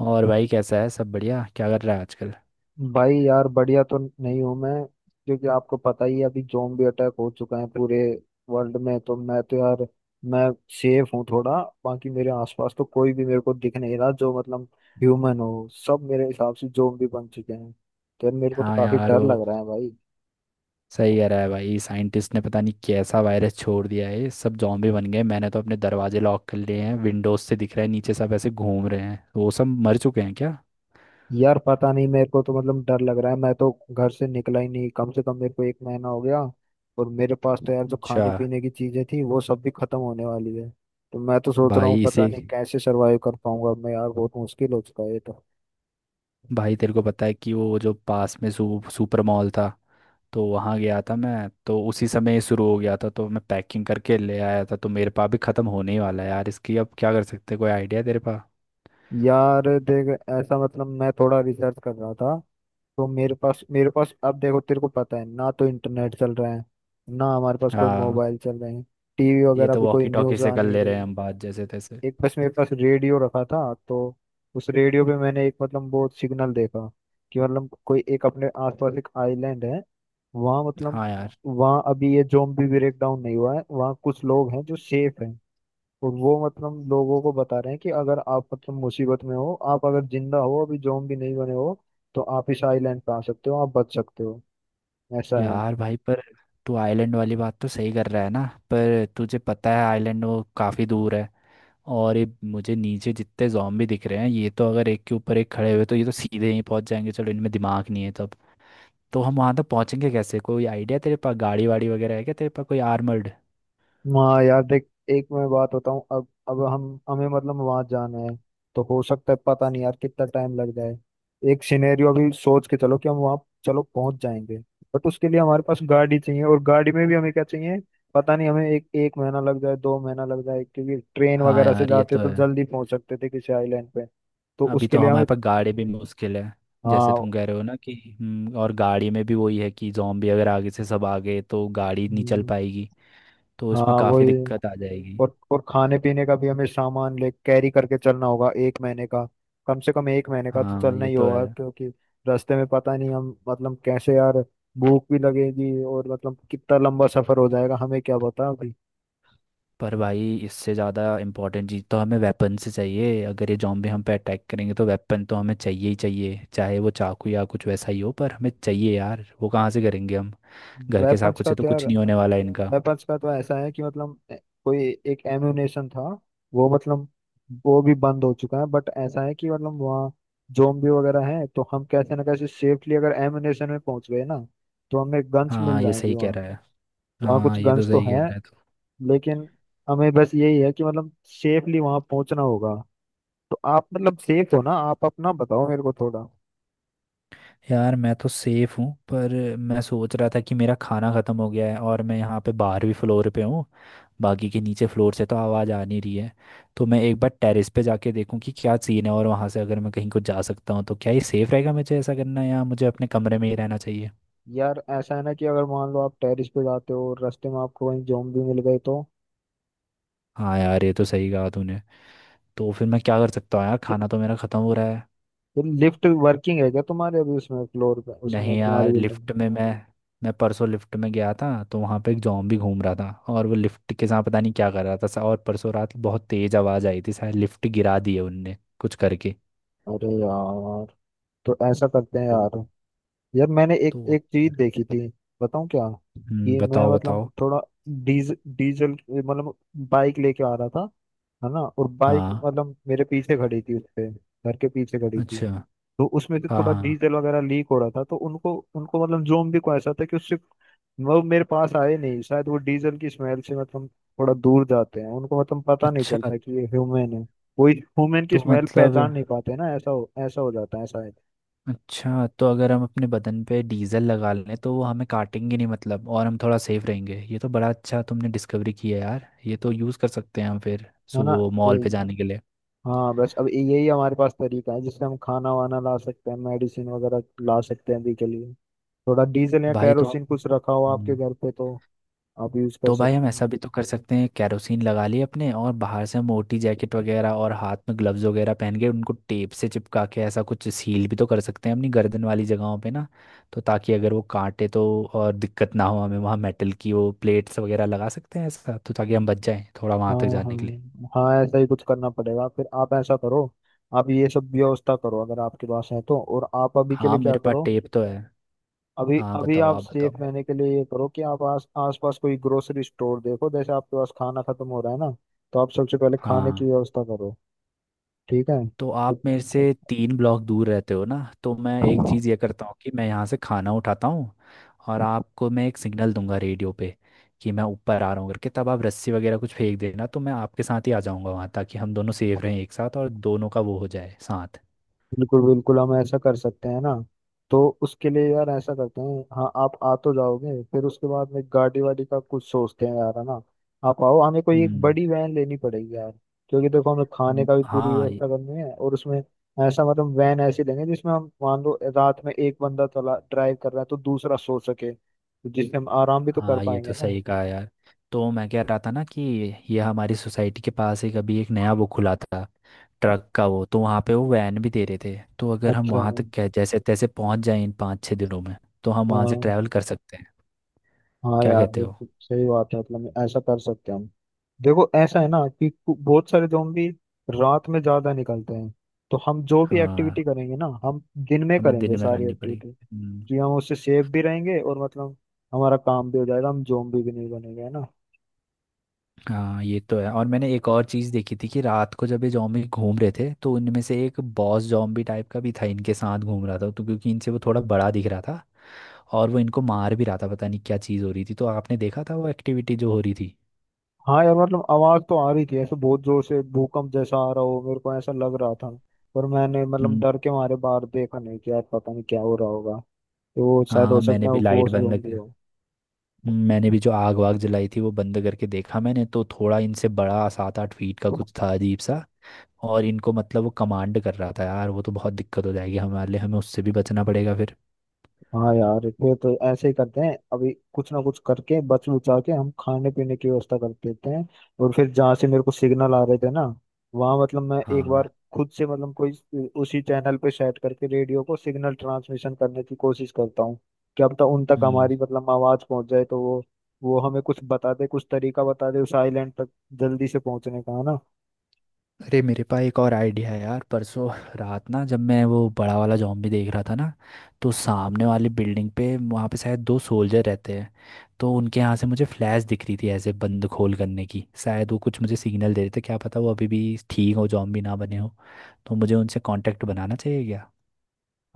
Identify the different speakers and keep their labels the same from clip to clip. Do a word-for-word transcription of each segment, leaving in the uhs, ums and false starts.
Speaker 1: और भाई कैसा है? सब बढ़िया? क्या कर रहा है आजकल?
Speaker 2: भाई यार बढ़िया तो नहीं हूँ मैं। क्योंकि आपको पता ही है अभी जोम्बी अटैक हो चुका है पूरे वर्ल्ड में। तो मैं तो यार मैं सेफ हूँ थोड़ा। बाकी मेरे आसपास तो कोई भी मेरे को दिख नहीं रहा जो मतलब ह्यूमन हो, सब मेरे हिसाब से जोम्बी बन चुके हैं। तो यार मेरे को तो
Speaker 1: हाँ
Speaker 2: काफी
Speaker 1: यार,
Speaker 2: डर
Speaker 1: वो
Speaker 2: लग रहा है भाई।
Speaker 1: सही कह रहा है भाई। साइंटिस्ट ने पता नहीं कैसा वायरस छोड़ दिया है, सब जॉम्बी बन गए। मैंने तो अपने दरवाजे लॉक कर लिए हैं। विंडोज से दिख रहा है, नीचे सब ऐसे घूम रहे हैं। वो सब मर चुके हैं क्या?
Speaker 2: यार पता नहीं मेरे को तो मतलब डर लग रहा है। मैं तो घर से निकला ही नहीं, कम से कम मेरे को एक महीना हो गया। और मेरे पास तो यार जो
Speaker 1: अच्छा।
Speaker 2: खाने पीने की चीजें थी वो सब भी खत्म होने वाली है। तो मैं तो सोच रहा हूँ
Speaker 1: भाई
Speaker 2: पता
Speaker 1: इसे,
Speaker 2: नहीं कैसे सरवाइव कर पाऊंगा मैं। यार बहुत मुश्किल हो चुका है ये तो।
Speaker 1: भाई तेरे को पता है कि वो जो पास में सू, सुपर मॉल था, तो वहाँ गया था मैं। तो उसी समय ये शुरू हो गया था, तो मैं पैकिंग करके ले आया था। तो मेरे पास भी ख़त्म होने ही वाला है यार, इसकी अब क्या कर सकते हैं? कोई आइडिया तेरे पास?
Speaker 2: यार देख, ऐसा मतलब मैं थोड़ा रिसर्च कर रहा था। तो मेरे पास मेरे पास अब देखो तेरे को पता है ना, तो इंटरनेट चल रहा है ना हमारे पास, कोई
Speaker 1: हाँ,
Speaker 2: मोबाइल चल रहे हैं। टीवी
Speaker 1: ये
Speaker 2: वगैरह
Speaker 1: तो
Speaker 2: पे कोई
Speaker 1: वॉकी टॉकी
Speaker 2: न्यूज
Speaker 1: से
Speaker 2: आ
Speaker 1: कर
Speaker 2: नहीं
Speaker 1: ले रहे हैं
Speaker 2: रही।
Speaker 1: हम बात जैसे तैसे।
Speaker 2: एक बस मेरे पास रेडियो रखा था। तो उस रेडियो पे मैंने एक मतलब वो सिग्नल देखा कि मतलब कोई एक अपने आसपास एक आइलैंड है। वहाँ मतलब
Speaker 1: हाँ यार।
Speaker 2: वहाँ अभी ये ज़ोंबी ब्रेकडाउन नहीं हुआ है, वहाँ कुछ लोग हैं जो सेफ हैं। और वो मतलब लोगों को बता रहे हैं कि अगर आप मतलब मुसीबत में हो, आप अगर जिंदा हो अभी, ज़ोंबी नहीं बने हो, तो आप इस आइलैंड पे आ सकते हो, आप बच सकते हो, ऐसा है।
Speaker 1: यार भाई, पर तू आइलैंड वाली बात तो सही कर रहा है ना? पर तुझे पता है आइलैंड वो काफ़ी दूर है। और ये मुझे नीचे जितने जॉम्बी दिख रहे हैं, ये तो अगर एक के ऊपर एक खड़े हुए तो ये तो सीधे ही पहुंच जाएंगे। चलो इनमें दिमाग नहीं है, तब तो। हम वहां तक पहुंचेंगे कैसे? कोई आइडिया तेरे पास? गाड़ी वाड़ी वगैरह है क्या तेरे पास, कोई आर्मर्ड?
Speaker 2: हाँ यार देख, एक मैं बात बताऊं। अब अब हम हमें मतलब वहां जाना है, तो हो सकता है पता नहीं यार कितना टाइम लग जाए। एक सिनेरियो भी सोच के चलो कि हम वहां चलो पहुंच जाएंगे। बट उसके लिए हमारे पास गाड़ी चाहिए, और गाड़ी में भी हमें क्या चाहिए। पता नहीं हमें एक एक महीना लग जाए, दो महीना लग जाए। क्योंकि ट्रेन
Speaker 1: हाँ
Speaker 2: वगैरह से
Speaker 1: यार ये
Speaker 2: जाते
Speaker 1: तो
Speaker 2: तो
Speaker 1: है।
Speaker 2: जल्दी पहुंच सकते थे किसी आइलैंड पे। तो
Speaker 1: अभी
Speaker 2: उसके
Speaker 1: तो
Speaker 2: लिए हमें,
Speaker 1: हमारे पास गाड़ी भी मुश्किल है। जैसे
Speaker 2: हाँ।
Speaker 1: तुम कह रहे हो ना कि हम्म, और गाड़ी में भी वही है कि जॉम्बी अगर आगे से सब आ गए तो गाड़ी नहीं चल
Speaker 2: हम्म।
Speaker 1: पाएगी। तो इसमें
Speaker 2: हाँ
Speaker 1: काफ़ी
Speaker 2: वही।
Speaker 1: दिक्कत आ जाएगी।
Speaker 2: और और खाने पीने का भी हमें सामान ले कैरी करके चलना होगा एक महीने का। कम से कम एक महीने का तो
Speaker 1: हाँ
Speaker 2: चलना
Speaker 1: ये
Speaker 2: ही
Speaker 1: तो है।
Speaker 2: होगा, क्योंकि रास्ते में पता नहीं हम मतलब कैसे यार भूख भी लगेगी। और मतलब कितना लंबा सफर हो जाएगा हमें क्या पता अभी।
Speaker 1: पर भाई इससे ज़्यादा इम्पोर्टेंट चीज़ तो हमें वेपन से चाहिए। अगर ये जॉम्बी हम पे अटैक करेंगे तो वेपन तो हमें चाहिए ही चाहिए, चाहे वो चाकू या कुछ वैसा ही हो, पर हमें चाहिए यार। वो कहाँ से करेंगे हम? घर के
Speaker 2: वेपन्स
Speaker 1: चाकू
Speaker 2: का
Speaker 1: से तो
Speaker 2: तो यार,
Speaker 1: कुछ नहीं होने वाला है इनका।
Speaker 2: वेपन्स का तो ऐसा है कि मतलब ए- कोई एक एम्यूनेशन था। वो मतलब वो भी बंद हो चुका है। बट ऐसा है कि मतलब वहाँ जोम्बी वगैरह है, तो हम कैसे ना कैसे सेफली अगर एम्यूनेशन में पहुंच गए ना तो हमें गन्स मिल
Speaker 1: हाँ ये
Speaker 2: जाएंगी
Speaker 1: सही कह
Speaker 2: वहाँ।
Speaker 1: रहा है।
Speaker 2: वहाँ कुछ
Speaker 1: हाँ ये तो
Speaker 2: गन्स तो
Speaker 1: सही कह
Speaker 2: हैं।
Speaker 1: रहा है तो।
Speaker 2: लेकिन हमें बस यही है कि मतलब सेफली वहाँ पहुँचना होगा। तो आप मतलब सेफ हो ना, आप अपना बताओ मेरे को थोड़ा।
Speaker 1: यार मैं तो सेफ हूँ, पर मैं सोच रहा था कि मेरा खाना ख़त्म हो गया है और मैं यहाँ पे बारहवीं फ्लोर पे हूँ। बाकी के नीचे फ्लोर से तो आवाज़ आ नहीं रही है। तो मैं एक बार टेरेस पे जाके देखूँ कि क्या सीन है, और वहाँ से अगर मैं कहीं को जा सकता हूँ तो क्या ये सेफ़ रहेगा? मुझे ऐसा करना या मुझे अपने कमरे में ही रहना चाहिए?
Speaker 2: यार ऐसा है ना कि अगर मान लो आप टेरेस पे जाते हो और रास्ते में आपको कहीं ज़ॉम्बी मिल गए तो?
Speaker 1: हाँ यार ये तो सही कहा तूने। तो फिर मैं क्या कर सकता हूँ यार, खाना तो मेरा ख़त्म हो रहा है।
Speaker 2: तो लिफ्ट वर्किंग है क्या तुम्हारे अभी, उसमें फ्लोर पे, उसमें
Speaker 1: नहीं यार,
Speaker 2: तुम्हारी बिल्डिंग
Speaker 1: लिफ्ट
Speaker 2: में?
Speaker 1: में मैं मैं परसों लिफ्ट में गया था तो वहाँ पे एक जॉम्बी घूम रहा था, और वो लिफ्ट के साथ पता नहीं क्या कर रहा था। और परसों रात बहुत तेज आवाज़ आई थी, शायद लिफ्ट गिरा दी है उनने कुछ करके।
Speaker 2: अरे यार, तो ऐसा करते हैं
Speaker 1: तो
Speaker 2: यार। यार मैंने एक
Speaker 1: तो अब
Speaker 2: एक
Speaker 1: क्या
Speaker 2: चीज
Speaker 1: करें?
Speaker 2: देखी थी, बताऊँ क्या?
Speaker 1: हम्म,
Speaker 2: कि मैं
Speaker 1: बताओ
Speaker 2: मतलब
Speaker 1: बताओ।
Speaker 2: थोड़ा डीज डीजल मतलब बाइक लेके आ रहा था, है ना। और बाइक
Speaker 1: हाँ।
Speaker 2: मतलब मेरे पीछे खड़ी थी, उसपे घर के पीछे खड़ी थी।
Speaker 1: अच्छा।
Speaker 2: तो उसमें से
Speaker 1: हाँ
Speaker 2: थोड़ा
Speaker 1: हाँ।
Speaker 2: डीजल वगैरह लीक हो रहा था। तो उनको उनको मतलब जोम्बी को ऐसा था कि उससे वो मेरे पास आए नहीं। शायद वो डीजल की स्मेल से मतलब थोड़ा दूर जाते हैं, उनको मतलब पता नहीं
Speaker 1: अच्छा
Speaker 2: चलता कि ये ह्यूमन है। कोई ह्यूमन की
Speaker 1: तो
Speaker 2: स्मेल
Speaker 1: मतलब,
Speaker 2: पहचान नहीं पाते ना, ऐसा हो ऐसा हो जाता है शायद,
Speaker 1: अच्छा तो अगर हम अपने बदन पे डीजल लगा लें तो वो हमें काटेंगे नहीं मतलब, और हम थोड़ा सेफ रहेंगे। ये तो बड़ा अच्छा तुमने डिस्कवरी किया यार। ये तो यूज़ कर सकते हैं हम फिर
Speaker 2: है ना।
Speaker 1: सुबह
Speaker 2: ए,
Speaker 1: मॉल पे जाने के लिए।
Speaker 2: हाँ बस अब यही हमारे पास तरीका है जिससे हम खाना वाना ला सकते हैं, मेडिसिन वगैरह ला सकते हैं अभी के लिए। थोड़ा डीजल या
Speaker 1: भाई तो
Speaker 2: कैरोसिन कुछ रखा हो आपके
Speaker 1: हम्म,
Speaker 2: घर पे तो आप यूज कर
Speaker 1: तो भाई,
Speaker 2: सकते।
Speaker 1: हम ऐसा भी तो कर सकते हैं, कैरोसिन लगा लिए अपने और बाहर से मोटी जैकेट वगैरह, और हाथ में ग्लव्स वगैरह पहन के उनको टेप से चिपका के ऐसा कुछ सील भी तो कर सकते हैं अपनी गर्दन वाली जगहों पे ना, तो ताकि अगर वो काटे तो और दिक्कत ना हो हमें। वहाँ मेटल की वो प्लेट्स वगैरह लगा सकते हैं ऐसा, तो ताकि हम बच जाएं थोड़ा वहाँ
Speaker 2: हाँ।
Speaker 1: तक जाने के लिए।
Speaker 2: हाँ हाँ ऐसा ही कुछ करना पड़ेगा। फिर आप ऐसा करो, आप ये सब व्यवस्था करो अगर आपके पास है तो। और आप अभी के
Speaker 1: हाँ
Speaker 2: लिए क्या
Speaker 1: मेरे पास
Speaker 2: करो,
Speaker 1: टेप तो है।
Speaker 2: अभी
Speaker 1: हाँ
Speaker 2: अभी
Speaker 1: बताओ,
Speaker 2: आप
Speaker 1: आप बताओ।
Speaker 2: सेफ रहने के लिए ये करो कि आप आस आसपास कोई ग्रोसरी स्टोर देखो, जैसे आपके पास खाना खत्म हो रहा है ना, तो आप सबसे पहले खाने की
Speaker 1: हाँ।
Speaker 2: व्यवस्था करो। ठीक
Speaker 1: तो आप मेरे से तीन ब्लॉक दूर रहते हो ना, तो मैं एक
Speaker 2: है।
Speaker 1: चीज़ ये करता हूँ कि मैं यहाँ से खाना उठाता हूँ, और आपको मैं एक सिग्नल दूंगा रेडियो पे कि मैं ऊपर आ रहा हूँ करके, तब आप रस्सी वगैरह कुछ फेंक देना तो मैं आपके साथ ही आ जाऊँगा वहाँ, ताकि हम दोनों सेफ रहें एक साथ और दोनों का वो हो जाए साथ।
Speaker 2: बिल्कुल बिल्कुल, हम ऐसा कर सकते हैं ना। तो उसके लिए यार ऐसा करते हैं, हाँ आप आ तो जाओगे, फिर उसके बाद में गाड़ी वाड़ी का कुछ सोचते हैं यार, है ना। आप आओ, हमें कोई एक
Speaker 1: हम्म।
Speaker 2: बड़ी वैन लेनी पड़ेगी यार। क्योंकि देखो हमें खाने
Speaker 1: हम्म,
Speaker 2: का भी पूरी
Speaker 1: हाँ
Speaker 2: व्यवस्था करनी है, और उसमें ऐसा मतलब वैन ऐसी लेंगे जिसमें हम मान लो रात में एक बंदा चला ड्राइव कर रहा है तो दूसरा सो सके, तो जिससे हम आराम भी तो कर
Speaker 1: हाँ ये तो
Speaker 2: पाएंगे ना।
Speaker 1: सही कहा यार। तो मैं कह रहा था ना कि ये हमारी सोसाइटी के पास एक, अभी एक नया वो खुला था ट्रक का, वो तो वहाँ पे वो वैन भी दे रहे थे। तो अगर हम
Speaker 2: अच्छा।
Speaker 1: वहाँ तक कै- जैसे तैसे पहुँच जाए इन पाँच छः दिनों में, तो हम वहाँ से
Speaker 2: हाँ
Speaker 1: ट्रैवल कर सकते हैं।
Speaker 2: हाँ
Speaker 1: क्या
Speaker 2: यार
Speaker 1: कहते हो?
Speaker 2: बिल्कुल सही बात है, मतलब ऐसा कर सकते हैं हम। देखो ऐसा है ना कि कु- बहुत सारे जोम्बी रात में ज्यादा निकलते हैं। तो हम जो भी
Speaker 1: हाँ।
Speaker 2: एक्टिविटी करेंगे ना हम दिन में
Speaker 1: हमें
Speaker 2: करेंगे
Speaker 1: दिन में
Speaker 2: सारी
Speaker 1: करनी पड़ी।
Speaker 2: एक्टिविटी।
Speaker 1: हम्म,
Speaker 2: कि हम उससे सेफ भी रहेंगे और मतलब हमारा काम भी हो जाएगा, हम जोम्बी भी नहीं बनेंगे, है ना।
Speaker 1: हाँ ये तो है। और मैंने एक और चीज़ देखी थी कि रात को जब ये जॉम्बी घूम रहे थे तो उनमें से एक बॉस जॉम्बी टाइप का भी था, इनके साथ घूम रहा था, तो क्योंकि इनसे वो थोड़ा बड़ा दिख रहा था, और वो इनको मार भी रहा था। पता नहीं क्या चीज़ हो रही थी, तो आपने देखा था वो एक्टिविटी जो हो रही थी?
Speaker 2: हाँ यार, मतलब आवाज तो आ रही थी ऐसे, बहुत जोर से भूकंप जैसा आ रहा हो मेरे को ऐसा लग रहा था। पर मैंने मतलब
Speaker 1: हम्म,
Speaker 2: डर के मारे बाहर देखा नहीं कि यार पता नहीं क्या हो रहा होगा। तो वो शायद हो
Speaker 1: हाँ मैंने
Speaker 2: सकता है
Speaker 1: भी
Speaker 2: वो
Speaker 1: लाइट
Speaker 2: बॉस
Speaker 1: बंद
Speaker 2: जोम्बी
Speaker 1: कर-
Speaker 2: हो।
Speaker 1: हम्म, मैंने भी जो आग वाग जलाई थी वो बंद करके देखा। मैंने तो थोड़ा इनसे बड़ा सात आठ फीट का कुछ था अजीब सा, और इनको मतलब वो कमांड कर रहा था यार। वो तो बहुत दिक्कत हो जाएगी हमारे लिए, हमें उससे भी बचना पड़ेगा फिर।
Speaker 2: हाँ यार फिर तो ऐसे ही करते हैं, अभी कुछ ना कुछ करके बच उचा के हम खाने पीने की व्यवस्था कर देते हैं। और फिर जहाँ से मेरे को सिग्नल आ रहे थे ना वहाँ मतलब मैं एक बार
Speaker 1: हाँ।
Speaker 2: खुद से मतलब कोई उसी चैनल पे सेट करके रेडियो को सिग्नल ट्रांसमिशन करने की कोशिश करता हूँ। क्या पता उन तक
Speaker 1: हम्म।
Speaker 2: हमारी मतलब आवाज़ पहुँच जाए, तो वो वो हमें कुछ बता दे, कुछ तरीका बता दे उस आइलैंड तक जल्दी से पहुँचने का, है ना।
Speaker 1: अरे मेरे पास एक और आइडिया है यार। परसों रात ना, जब मैं वो बड़ा वाला जॉम्बी देख रहा था ना, तो सामने वाली बिल्डिंग पे वहाँ पे शायद दो सोल्जर रहते हैं। तो उनके यहाँ से मुझे फ्लैश दिख रही थी ऐसे बंद खोल करने की। शायद वो कुछ मुझे सिग्नल दे रहे थे, क्या पता वो अभी भी ठीक हो, जॉम्बी ना बने हो। तो मुझे उनसे कांटेक्ट बनाना चाहिए क्या?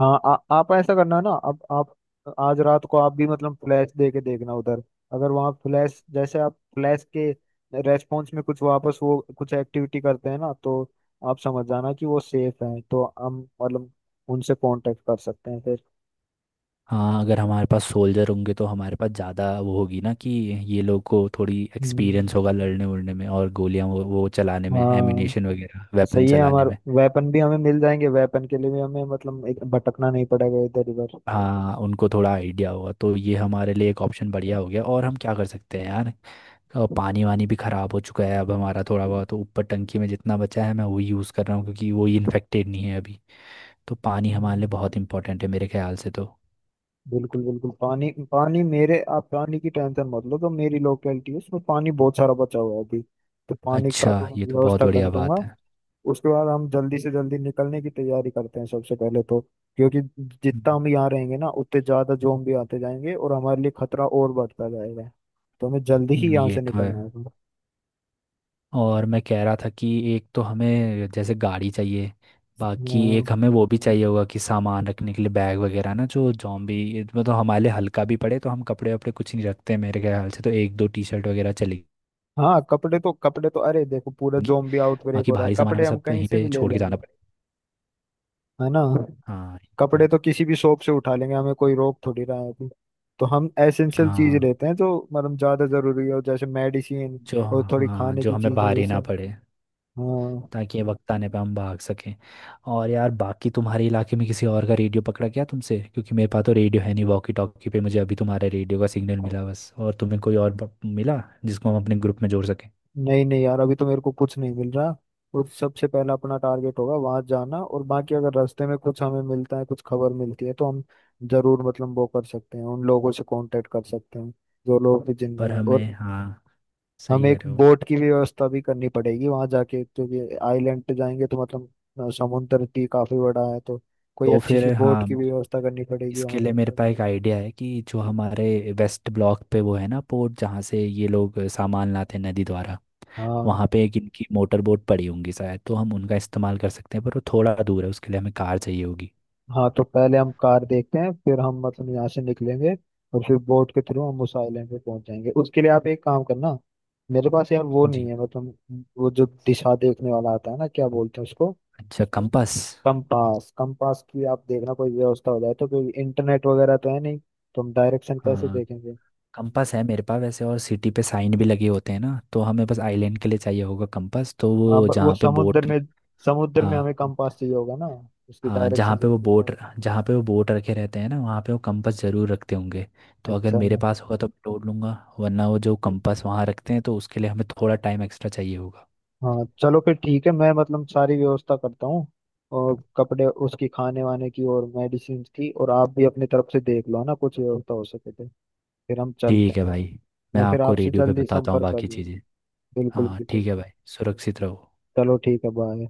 Speaker 2: हाँ, आ, आप ऐसा करना ना, अब आप आज रात को आप भी मतलब फ्लैश दे के देखना उधर। अगर वहाँ फ्लैश जैसे आप फ्लैश के रेस्पॉन्स में कुछ वापस वो कुछ एक्टिविटी करते हैं ना तो आप समझ जाना कि वो सेफ है, तो हम मतलब उनसे कांटेक्ट कर सकते हैं फिर।
Speaker 1: हाँ अगर हमारे पास सोल्जर होंगे तो हमारे पास ज़्यादा वो होगी ना, कि ये लोग को थोड़ी
Speaker 2: हम्म।
Speaker 1: एक्सपीरियंस होगा लड़ने उड़ने में, और गोलियाँ वो वो चलाने में,
Speaker 2: हाँ।
Speaker 1: एम्यूनेशन वगैरह वेपन
Speaker 2: सही है,
Speaker 1: चलाने
Speaker 2: हमारे
Speaker 1: में।
Speaker 2: वेपन भी हमें मिल जाएंगे, वेपन के लिए भी हमें मतलब एक भटकना नहीं पड़ेगा इधर उधर।
Speaker 1: हाँ उनको थोड़ा आइडिया होगा तो ये हमारे लिए एक ऑप्शन बढ़िया हो गया। और हम क्या कर सकते हैं यार, अ, पानी वानी भी ख़राब हो चुका है अब हमारा। थोड़ा बहुत तो ऊपर टंकी में जितना बचा है मैं वही यूज़ कर रहा हूँ, क्योंकि वही इन्फेक्टेड नहीं है अभी। तो पानी हमारे लिए
Speaker 2: हम्म।
Speaker 1: बहुत इंपॉर्टेंट है मेरे ख्याल से तो।
Speaker 2: बिल्कुल बिल्कुल, पानी पानी मेरे, आप पानी की टेंशन मत लो, तो मेरी लोकेलिटी है उसमें पानी बहुत सारा बचा हुआ है अभी। तो पानी का
Speaker 1: अच्छा
Speaker 2: तो मैं
Speaker 1: ये तो बहुत
Speaker 2: व्यवस्था कर
Speaker 1: बढ़िया बात
Speaker 2: दूंगा।
Speaker 1: है।
Speaker 2: उसके बाद हम जल्दी से जल्दी निकलने की तैयारी करते हैं सबसे पहले तो। क्योंकि जितना
Speaker 1: हम्म,
Speaker 2: हम यहाँ रहेंगे ना उतने ज्यादा जोम्बी आते जाएंगे, और हमारे लिए खतरा और बढ़ता जाएगा। तो हमें जल्दी ही यहाँ
Speaker 1: ये
Speaker 2: से
Speaker 1: तो है।
Speaker 2: निकलना होगा।
Speaker 1: और मैं कह रहा था कि एक तो हमें जैसे गाड़ी चाहिए, बाकी एक
Speaker 2: हाँ।
Speaker 1: हमें वो भी चाहिए होगा कि सामान रखने के लिए बैग वगैरह ना, जो जॉम्बी मतलब हमारे लिए हल्का भी पड़े। तो हम कपड़े वपड़े कुछ नहीं रखते मेरे ख्याल से, तो एक दो टी शर्ट वगैरह चलेगी।
Speaker 2: हाँ, कपड़े तो कपड़े तो अरे देखो पूरा जोम्बी आउटब्रेक
Speaker 1: बाकी
Speaker 2: हो रहा है,
Speaker 1: भारी सामान हमें
Speaker 2: कपड़े हम
Speaker 1: सब
Speaker 2: कहीं
Speaker 1: यहीं
Speaker 2: से भी
Speaker 1: पे
Speaker 2: ले
Speaker 1: छोड़ के जाना
Speaker 2: लेंगे,
Speaker 1: पड़ेगा।
Speaker 2: है ना।
Speaker 1: हाँ।
Speaker 2: कपड़े तो किसी भी शॉप से उठा लेंगे, हमें कोई रोक थोड़ी रहा है अभी। तो हम एसेंशियल चीज
Speaker 1: हाँ।
Speaker 2: लेते हैं जो मतलब ज्यादा जरूरी हो, जैसे मेडिसिन
Speaker 1: जो
Speaker 2: और थोड़ी
Speaker 1: हाँ
Speaker 2: खाने
Speaker 1: जो
Speaker 2: की
Speaker 1: हमें
Speaker 2: चीजें
Speaker 1: भारी ना
Speaker 2: जैसे।
Speaker 1: पड़े,
Speaker 2: हाँ।
Speaker 1: ताकि ये वक्त आने पे हम भाग सकें। और यार बाकी तुम्हारे इलाके में किसी और का रेडियो पकड़ा क्या तुमसे? क्योंकि मेरे पास तो रेडियो है नहीं, वॉकी टॉकी पे मुझे अभी तुम्हारे रेडियो का सिग्नल मिला बस। और तुम्हें कोई और ब- मिला जिसको हम अपने ग्रुप में जोड़ सकें?
Speaker 2: नहीं नहीं यार, अभी तो मेरे को कुछ नहीं मिल रहा। और सबसे पहला अपना टारगेट होगा वहां जाना, और बाकी अगर रास्ते में कुछ हमें मिलता है, कुछ खबर मिलती है, तो हम जरूर मतलब वो कर सकते हैं, उन लोगों से कांटेक्ट कर सकते हैं जो लोग भी जिंदा
Speaker 1: पर
Speaker 2: हैं। और
Speaker 1: हमें हाँ, सही
Speaker 2: हमें
Speaker 1: कह
Speaker 2: एक
Speaker 1: रहे हो।
Speaker 2: बोट की भी व्यवस्था भी करनी पड़ेगी वहां जाके, क्योंकि आइलैंड पे जाएंगे तो मतलब अ, समुंदर भी काफी बड़ा है, तो कोई
Speaker 1: तो
Speaker 2: अच्छी सी
Speaker 1: फिर
Speaker 2: बोट
Speaker 1: हाँ,
Speaker 2: की भी व्यवस्था करनी पड़ेगी
Speaker 1: इसके
Speaker 2: वहां
Speaker 1: लिए
Speaker 2: पे।
Speaker 1: मेरे पास एक आइडिया है कि जो हमारे वेस्ट ब्लॉक पे वो है ना पोर्ट, जहाँ से ये लोग सामान लाते हैं नदी द्वारा,
Speaker 2: हाँ।
Speaker 1: वहाँ पे एक इनकी मोटर बोट पड़ी होंगी शायद, तो हम उनका इस्तेमाल कर सकते हैं। पर वो थोड़ा दूर है, उसके लिए हमें कार चाहिए होगी।
Speaker 2: हाँ तो पहले हम कार देखते हैं, फिर हम मतलब यहाँ से निकलेंगे, और फिर बोट के थ्रू हम उस आइलैंड पे पहुंच जाएंगे। उसके लिए आप एक काम करना, मेरे पास यार वो नहीं
Speaker 1: जी।
Speaker 2: है मतलब वो जो दिशा देखने वाला आता है ना, क्या बोलते हैं उसको।
Speaker 1: अच्छा, कंपास।
Speaker 2: कंपास, कंपास की आप देखना कोई व्यवस्था हो जाए, तो कोई इंटरनेट वगैरह तो है नहीं, तो हम डायरेक्शन कैसे
Speaker 1: हाँ
Speaker 2: देखेंगे।
Speaker 1: कंपास है मेरे पास वैसे, और सिटी पे साइन भी लगे होते हैं ना, तो हमें बस आइलैंड के लिए चाहिए होगा कंपास। तो
Speaker 2: हाँ
Speaker 1: वो
Speaker 2: ब- वो
Speaker 1: जहाँ पे
Speaker 2: समुद्र
Speaker 1: बोट,
Speaker 2: में समुद्र में हमें
Speaker 1: हाँ।
Speaker 2: कंपास चाहिए होगा ना, उसकी
Speaker 1: हाँ जहाँ
Speaker 2: डायरेक्शन
Speaker 1: पे
Speaker 2: को।
Speaker 1: वो बोट, जहाँ पे वो बोट रखे रहते हैं ना वहाँ पे वो कंपास ज़रूर रखते होंगे। तो अगर
Speaker 2: अच्छा।
Speaker 1: मेरे पास होगा तो मैं ढूंढ लूँगा। वरना वो जो कंपास वहाँ रखते हैं तो उसके लिए हमें थोड़ा टाइम एक्स्ट्रा चाहिए होगा।
Speaker 2: हाँ चलो फिर ठीक है, मैं मतलब सारी व्यवस्था करता हूँ, और कपड़े उसकी खाने वाने की और मेडिसिन की। और आप भी अपनी तरफ से देख लो ना, कुछ व्यवस्था हो सके तो, फिर हम चलते
Speaker 1: ठीक
Speaker 2: हैं।
Speaker 1: है भाई, मैं
Speaker 2: मैं फिर
Speaker 1: आपको
Speaker 2: आपसे
Speaker 1: रेडियो पे
Speaker 2: जल्दी
Speaker 1: बताता हूँ
Speaker 2: संपर्क कर
Speaker 1: बाकी
Speaker 2: लूँ।
Speaker 1: चीज़ें।
Speaker 2: बिल्कुल
Speaker 1: हाँ ठीक
Speaker 2: बिल्कुल।
Speaker 1: है भाई, सुरक्षित रहो।
Speaker 2: चलो ठीक है, बाय।